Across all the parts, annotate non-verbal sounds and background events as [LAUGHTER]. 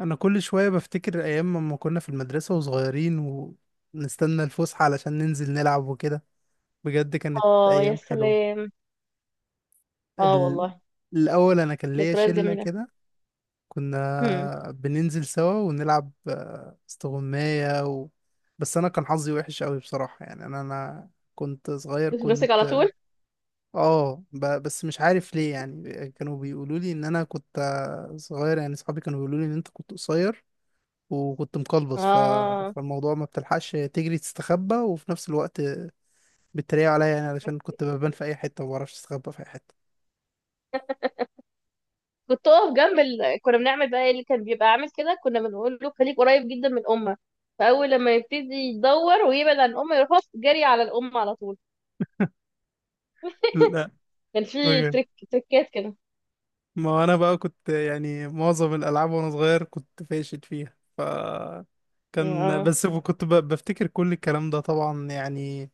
انا كل شويه بفتكر ايام ما كنا في المدرسه وصغيرين، ونستنى الفسحه علشان ننزل نلعب وكده. بجد كانت اه، يا ايام حلوه. سلام. اه ال... والله. الاول انا كان ليا ذكريات شله جميلة. كده. هم. كنا بننزل سوا ونلعب استغمايه بس انا كان حظي وحش قوي بصراحه. يعني انا كنت صغير، نفسك على كنت. طول. اه، بس مش عارف ليه. يعني كانوا بيقولوا لي ان انا كنت صغير. يعني صحابي كانوا بيقولوا لي ان انت كنت قصير، وكنت مقلبص اه، فالموضوع ما بتلحقش تجري تستخبى، وفي نفس الوقت بيتريقوا عليا، يعني علشان كنت ببان في اي حته وما بعرفش استخبى في اي حته. كنت اقف جنب. كنا بنعمل بقى إيه اللي كان بيبقى عامل كده، كنا بنقول له خليك قريب جدا من امه. فاول لما يبتدي يدور ويبعد عن امه، يروح هوب جري على الام على طول. لا كان في بجد. تريك تريكات كده. ما انا بقى كنت يعني معظم الالعاب وانا صغير كنت فاشل فيها، كان آه. بس كنت بفتكر كل الكلام ده طبعا، يعني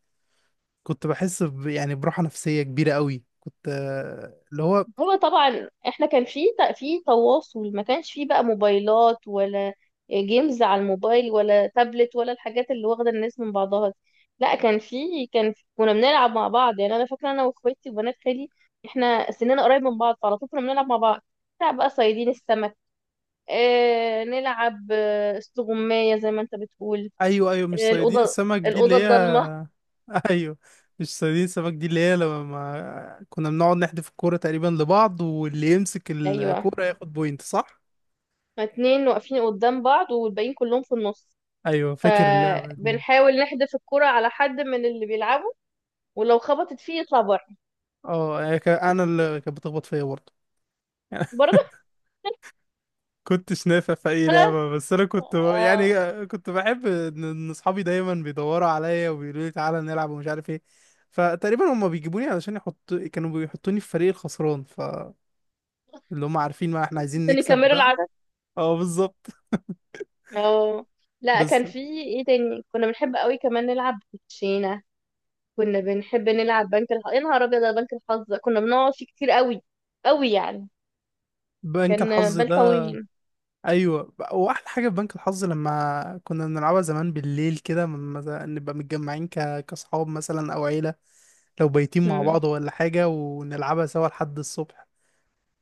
كنت بحس يعني براحه نفسيه كبيره قوي. كنت اللي هو. هو طبعا احنا كان في تواصل، ما كانش في بقى موبايلات ولا جيمز على الموبايل ولا تابلت ولا الحاجات اللي واخده الناس من بعضها دي. لا، كان في كنا بنلعب مع بعض، يعني انا فاكره انا واخواتي وبنات خالي احنا سننا قريب من بعض، فعلى طول كنا بنلعب مع بعض. نلعب بقى صيادين السمك. اه، نلعب استغمايه زي ما انت بتقول. ايوه، ايوه، مش آه، صيادين الاوضه سمك دي اللي الاوضه هي. الضلمه. [LAUGHS] ايوه. مش صيادين سمك دي اللي هي لما كنا بنقعد نحدف الكوره تقريبا لبعض، واللي يمسك ايوه، الكوره ياخد بوينت، صح؟ اتنين واقفين قدام بعض والباقيين كلهم في النص، ايوه، فاكر اللعبه دي. فبنحاول نحدف الكرة على حد من اللي بيلعبوا، ولو خبطت فيه يطلع بره. اه، هي انا اللي كانت بتخبط فيا برضه. برضه. [LAUGHS] كنتش نافع في اي لعبه، بس انا كنت، يعني اه، كنت بحب ان اصحابي دايما بيدوروا عليا وبيقولوا لي تعالى نلعب ومش عارف ايه. فتقريبا هما بيجيبوني علشان كانوا بيحطوني في فريق الخسران، فاللي هما عارفين ما احنا عايزين عشان نكسب يكملوا بقى. العدد. اه، بالظبط. اه. لا، بس. كان في ايه تاني، كنا بنحب قوي كمان نلعب كوتشينة. كنا بنحب نلعب بنك الحظ، يا نهار ابيض على بنك الحظ ده، كنا بنقعد فيه كتير قوي قوي يعني. بنك كان الحظ بال ده. طويل. ايوه، واحلى حاجه في بنك الحظ لما كنا بنلعبها زمان بالليل كده، لما نبقى متجمعين كاصحاب مثلا او عيله، لو بايتين مع مم. بعض ولا حاجه، ونلعبها سوا لحد الصبح.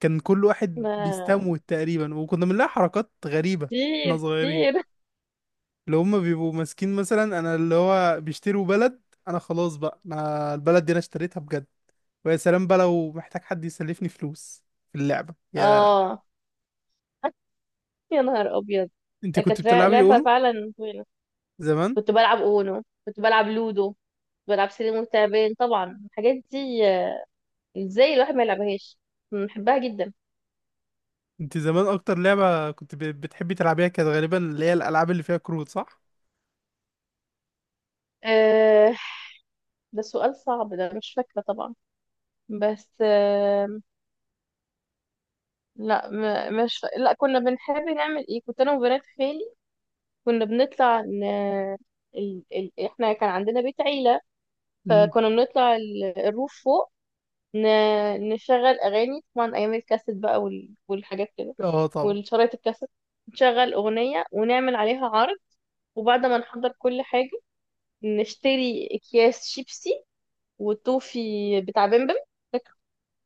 كان كل واحد ما- بيستموت تقريبا، وكنا بنلاقي حركات غريبه. احنا كتير صغيرين. كتير. اللي هم بيبقوا ماسكين مثلا، انا اللي هو بيشتروا بلد. انا خلاص بقى، انا البلد دي انا اشتريتها بجد. ويا سلام بقى لو محتاج حد يسلفني فلوس في اللعبه، اه. [LAUGHS] يا نهار ابيض. انت ده كنت كانت بتلعبي لعبة اونو فعلا طويلة. زمان؟ كنت بلعب اونو، كنت بلعب لودو، بلعب سلم وتعبان. طبعا الحاجات دي، ازاي الواحد ما يلعبهاش، بحبها جدا. انت زمان اكتر لعبة كنت بتحبي تلعبيها كانت غالبا اللي هي الالعاب اللي فيها كروت، صح؟ أه، ده سؤال صعب، ده مش فاكرة طبعا. بس أه، لا، م- مش فا- لا، كنا بنحب نعمل ايه كنت انا وبنات خالي، كنا بنطلع احنا كان عندنا بيت عيلة. امم. فكنا بنطلع الروف فوق. ن... نشغل اغاني طبعا ايام الكاسيت بقى والحاجات كده، اه، طبعا. والشرايط الكاسيت. نشغل اغنية ونعمل عليها عرض، وبعد ما نحضر كل حاجة نشتري اكياس شيبسي والتوفي بتاع بمبم. فاكر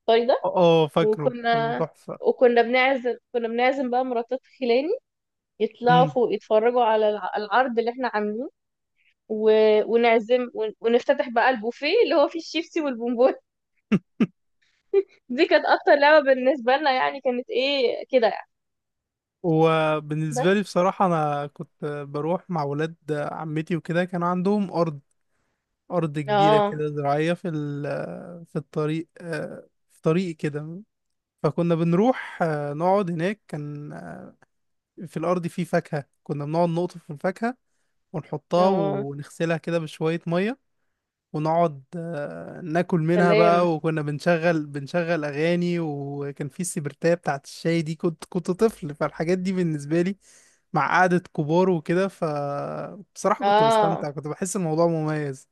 الطري ده؟ اه، فاكره كان وكنا تحفة. وكنا بنعزم، كنا بنعزم بقى مراتات خلاني يطلعوا امم. فوق يتفرجوا على العرض اللي احنا عاملينه. و... ونعزم، ونفتتح بقى البوفيه اللي هو فيه الشيبسي والبونبون. [LAUGHS] [LAUGHS] دي كانت اكتر لعبة بالنسبة لنا يعني، كانت ايه كده يعني. وبالنسبة بس. لي بصراحة، أنا كنت بروح مع ولاد عمتي وكده. كان عندهم أرض، أرض كبيرة اه. كده زراعية في الطريق، في طريق كده. فكنا بنروح نقعد هناك. كان في الأرض فيه فاكهة، كنا بنقعد نقطف في الفاكهة ونحطها اه، ونغسلها كده بشوية مية، ونقعد ناكل منها سلام. بقى. وكنا بنشغل أغاني، وكان في السبرتاية بتاعت الشاي دي. كنت طفل، فالحاجات دي بالنسبة لي مع قعدة كبار وكده، فبصراحة كنت اه. بستمتع، كنت بحس الموضوع مميز.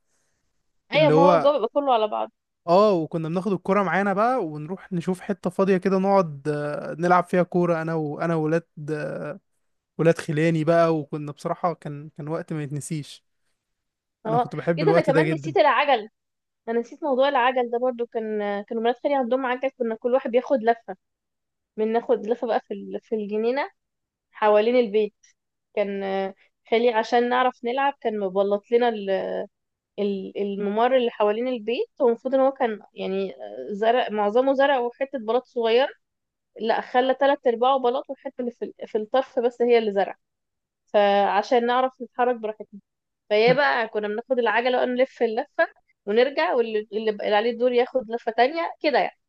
ايوه، اللي ما هو الجو هو بيبقى كله على بعض. اه، وكنا بناخد الكرة معانا بقى ونروح نشوف حتة فاضية كده، نقعد نلعب فيها كورة انا وولاد خلاني بقى. وكنا بصراحة كان وقت ما يتنسيش. انا اه، كنت بحب ايه ده، انا الوقت ده كمان جدا. نسيت العجل. انا نسيت موضوع العجل ده برضو. كانوا مرات خالي عندهم عجل، كنا كل واحد بياخد لفه. ناخد لفه بقى في في الجنينه حوالين البيت. كان خالي عشان نعرف نلعب كان مبلط لنا الممر اللي حوالين البيت، والمفروض ان هو كان يعني زرع، معظمه زرع وحته بلاط صغير. لا، خلى تلات ارباعه بلاط والحته اللي في في الطرف بس هي اللي زرع، فعشان نعرف نتحرك براحتنا فيا [LAUGHS] بقى، كنا بناخد العجله ونلف اللفه ونرجع، واللي بقى عليه الدور ياخد لفه تانية كده يعني.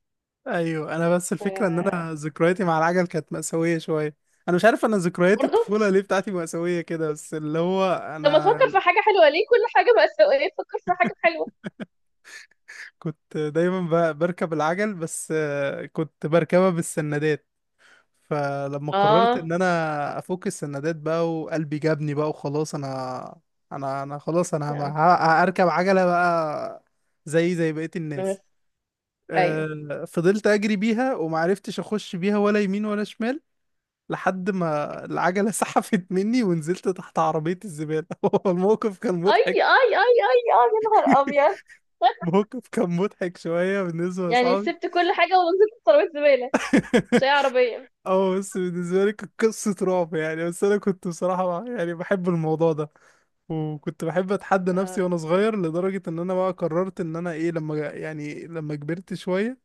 ايوه. انا بس الفكرة ان انا ذكرياتي مع العجل كانت مأساوية شوية. انا مش عارف، انا ذكريات برضه. الطفولة ليه بتاعتي مأساوية كده. بس اللي هو لما انا تفكر في حاجة حلوة، ليه كل حاجة مأساوية تفكر في حاجة حلوة؟ كنت دايما بركب العجل، بس كنت بركبها بالسندات. فلما قررت اه. ان انا افك السندات بقى وقلبي جابني بقى وخلاص، انا خلاص، انا لا. هركب عجلة بقى، زي بقية أنا- الناس. بس- ايوه. فضلت اجري بيها ومعرفتش اخش بيها ولا يمين ولا شمال، لحد ما العجلة [LAUGHS] سحفت مني ونزلت تحت عربية الزبالة. [LAUGHS] هو الموقف كان اي، اي، مضحك. اي، اي، اي، يا نهار [LAUGHS] ابيض، موقف كان مضحك شوية بالنسبة يعني لأصحابي. سبت كل حاجة ونزلت في ترابيزة زبالة؟ مش أي [LAUGHS] عربية. اه، بس بالنسبة لي كانت قصة رعب يعني. بس أنا كنت بصراحة يعني بحب الموضوع ده، وكنت بحب أتحدى نفسي اه. وأنا صغير، لدرجة إن أنا بقى قررت إن أنا إيه، لما يعني لما كبرت شوية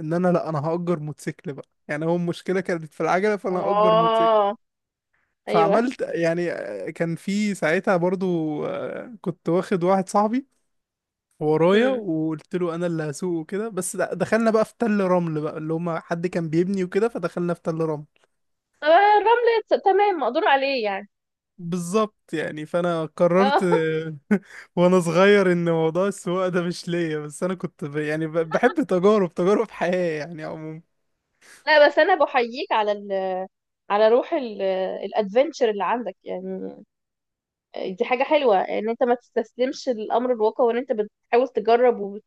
ان انا، لا انا هأجر موتوسيكل بقى. يعني هو المشكله كانت في العجله، فانا هأجر موتوسيكل. آه. ايوه. فعملت يعني، كان في ساعتها برضو. كنت واخد واحد صاحبي ورايا، امم. وقلت له انا اللي هسوق وكده. بس دخلنا بقى في تل رمل بقى، اللي هما حد كان بيبني وكده، فدخلنا في تل رمل. طب الرمل تمام مقدور عليه يعني. بالظبط يعني. فانا قررت اه. [LAUGHS] [LAUGHS] وانا صغير ان موضوع السواقه ده مش ليا. بس انا كنت يعني بحب تجارب حياه يعني عموما. لا، بس انا بحييك على ال، على روح الادفنتشر اللي عندك يعني. دي حاجة حلوة ان انت ما تستسلمش للامر الواقع، وان انت بتحاول تجرب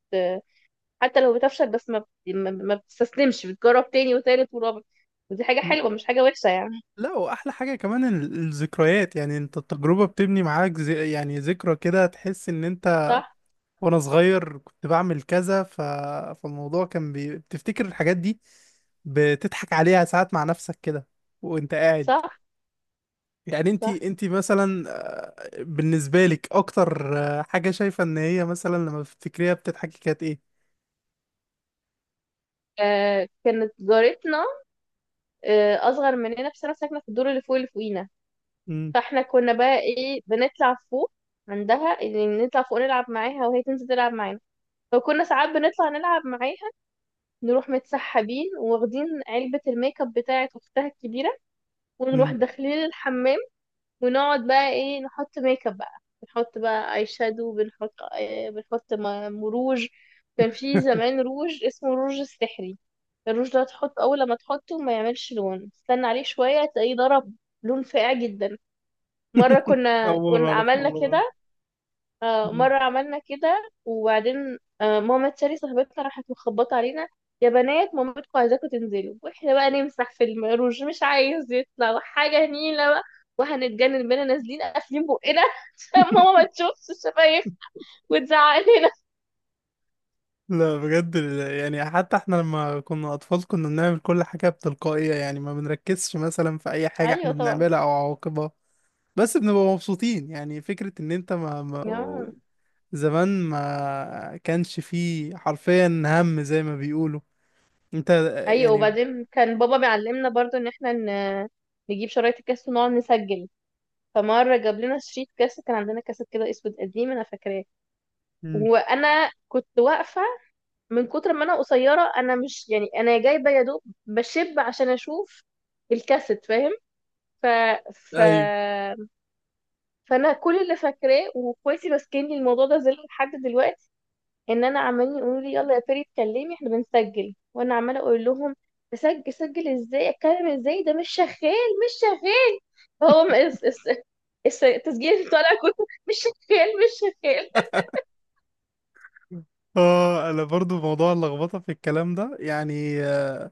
حتى لو بتفشل بس ما بتستسلمش، بتجرب تاني وتالت ورابع، ودي حاجة حلوة مش حاجة وحشة يعني. لا، واحلى حاجه كمان الذكريات. يعني انت التجربه بتبني معاك زي يعني ذكرى كده، تحس ان انت صح. وانا صغير كنت بعمل كذا فالموضوع كان بتفتكر الحاجات دي، بتضحك عليها ساعات مع نفسك كده وانت قاعد. صح. يعني انت صح. انت مثلا، بالنسبه لك اكتر حاجه شايفه ان هي مثلا لما بتفتكريها بتضحكي كانت ايه؟ آه، كانت جارتنا. اصغر مننا بس انا ساكنة في الدور اللي فوقينا. امم. فاحنا كنا بقى ايه، بنطلع فوق عندها يعني، نطلع فوق نلعب معاها وهي تنزل تلعب معانا. فكنا ساعات بنطلع نلعب معاها، نروح متسحبين واخدين علبة الميك اب بتاعت اختها الكبيرة، ونروح امم. داخلين الحمام، ونقعد بقى ايه نحط ميك اب بقى، بنحط بقى اي شادو، بنحط روج. كان في زمان روج اسمه الروج السحري. الروج ده تحط، اول لما تحطه ما يعملش لون، استنى عليه شويه تلاقيه ضرب لون فاقع جدا. مره [LAUGHS] كنا اول مره كنا اعرف عملنا الموضوع ده. كده. مم. مرة عملنا كده، وبعدين ماما تشاري صاحبتنا راحت مخبطة علينا: يا بنات، مامتكم عايزاكم تنزلوا، واحنا بقى نمسح في المروج مش عايز يطلع، وحاجة نيلة بقى، وهنتجنن بينا نازلين قافلين بقنا [LAUGHS] عشان ماما [LAUGHS] ما تشوفش الشفايف وتزعق لنا. لا بجد. يعني حتى احنا لما كنا اطفال كنا بنعمل كل حاجة بتلقائية، يعني ما بنركزش مثلا في اي حاجة احنا ايوه طبعا. بنعملها او عواقبها. بس بنبقى مبسوطين. يعني فكرة ان انت ما آه. زمان ما كانش فيه حرفيا هم، زي ما بيقولوا. انت ايوه، يعني. وبعدين كان بابا بيعلمنا برضو ان احنا نجيب شرايط الكاس ونقعد نسجل. فمرة جاب لنا شريط كاس، كان عندنا كاسات كده اسود قديم انا فاكراه، مم. وانا كنت واقفة من كتر ما انا قصيره، انا مش يعني انا جايبه يا دوب بشب عشان اشوف الكاسيت، فاهم؟ ف... ف... ايوه. فانا كل اللي فاكراه واخواتي ماسكيني الموضوع ده زي لحد دلوقتي، ان انا عمالين يقولوا لي يلا يا فيري اتكلمي احنا بنسجل، وانا عماله اقول لهم سجل ازاي، اتكلم ازاي، ده مش شغال مش شغال. هو التسجيل طالع كله مش شغال مش شغال. اه، انا برضو موضوع اللخبطه في الكلام ده يعني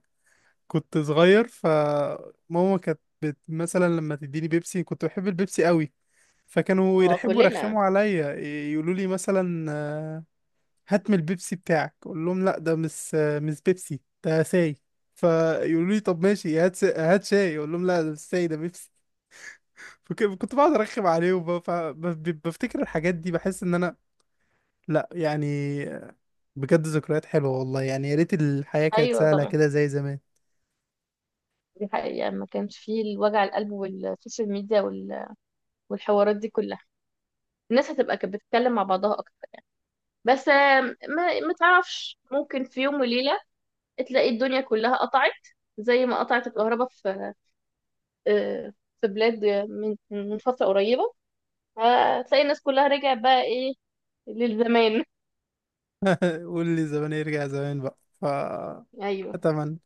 كنت صغير. فماما كانت مثلا لما تديني بيبسي. كنت بحب البيبسي قوي. فكانوا اه، كلنا. يرخموا عليا، يقولوا لي مثلا هات من البيبسي بتاعك. اقول لهم لا ده مش بيبسي، ده ساي. فيقولوا لي طب ماشي هات شاي. اقول لهم لا ده مش ساي، ده بيبسي. [LAUGHS] كنت بقعد ارخم عليهم بقى، بفتكر الحاجات دي، بحس ان انا، لا يعني بجد ذكريات حلوة والله. يعني يا ريت الحياة كانت ايوه سهلة طبعا. كده زي زمان. دي حقيقة، ما كانش فيه الوجع القلب والسوشيال ميديا والحوارات دي كلها. الناس هتبقى كانت بتتكلم مع بعضها أكتر. بس ما تعرفش ممكن في يوم وليلة تلاقي الدنيا كلها قطعت، زي ما قطعت الكهرباء في آه، بلاد من فترة قريبة، هتلاقي الناس كلها رجعت بقى إيه، للزمان. [LAUGHS] قول لي زمان، يرجع زمان بقى أيوه اتمنى.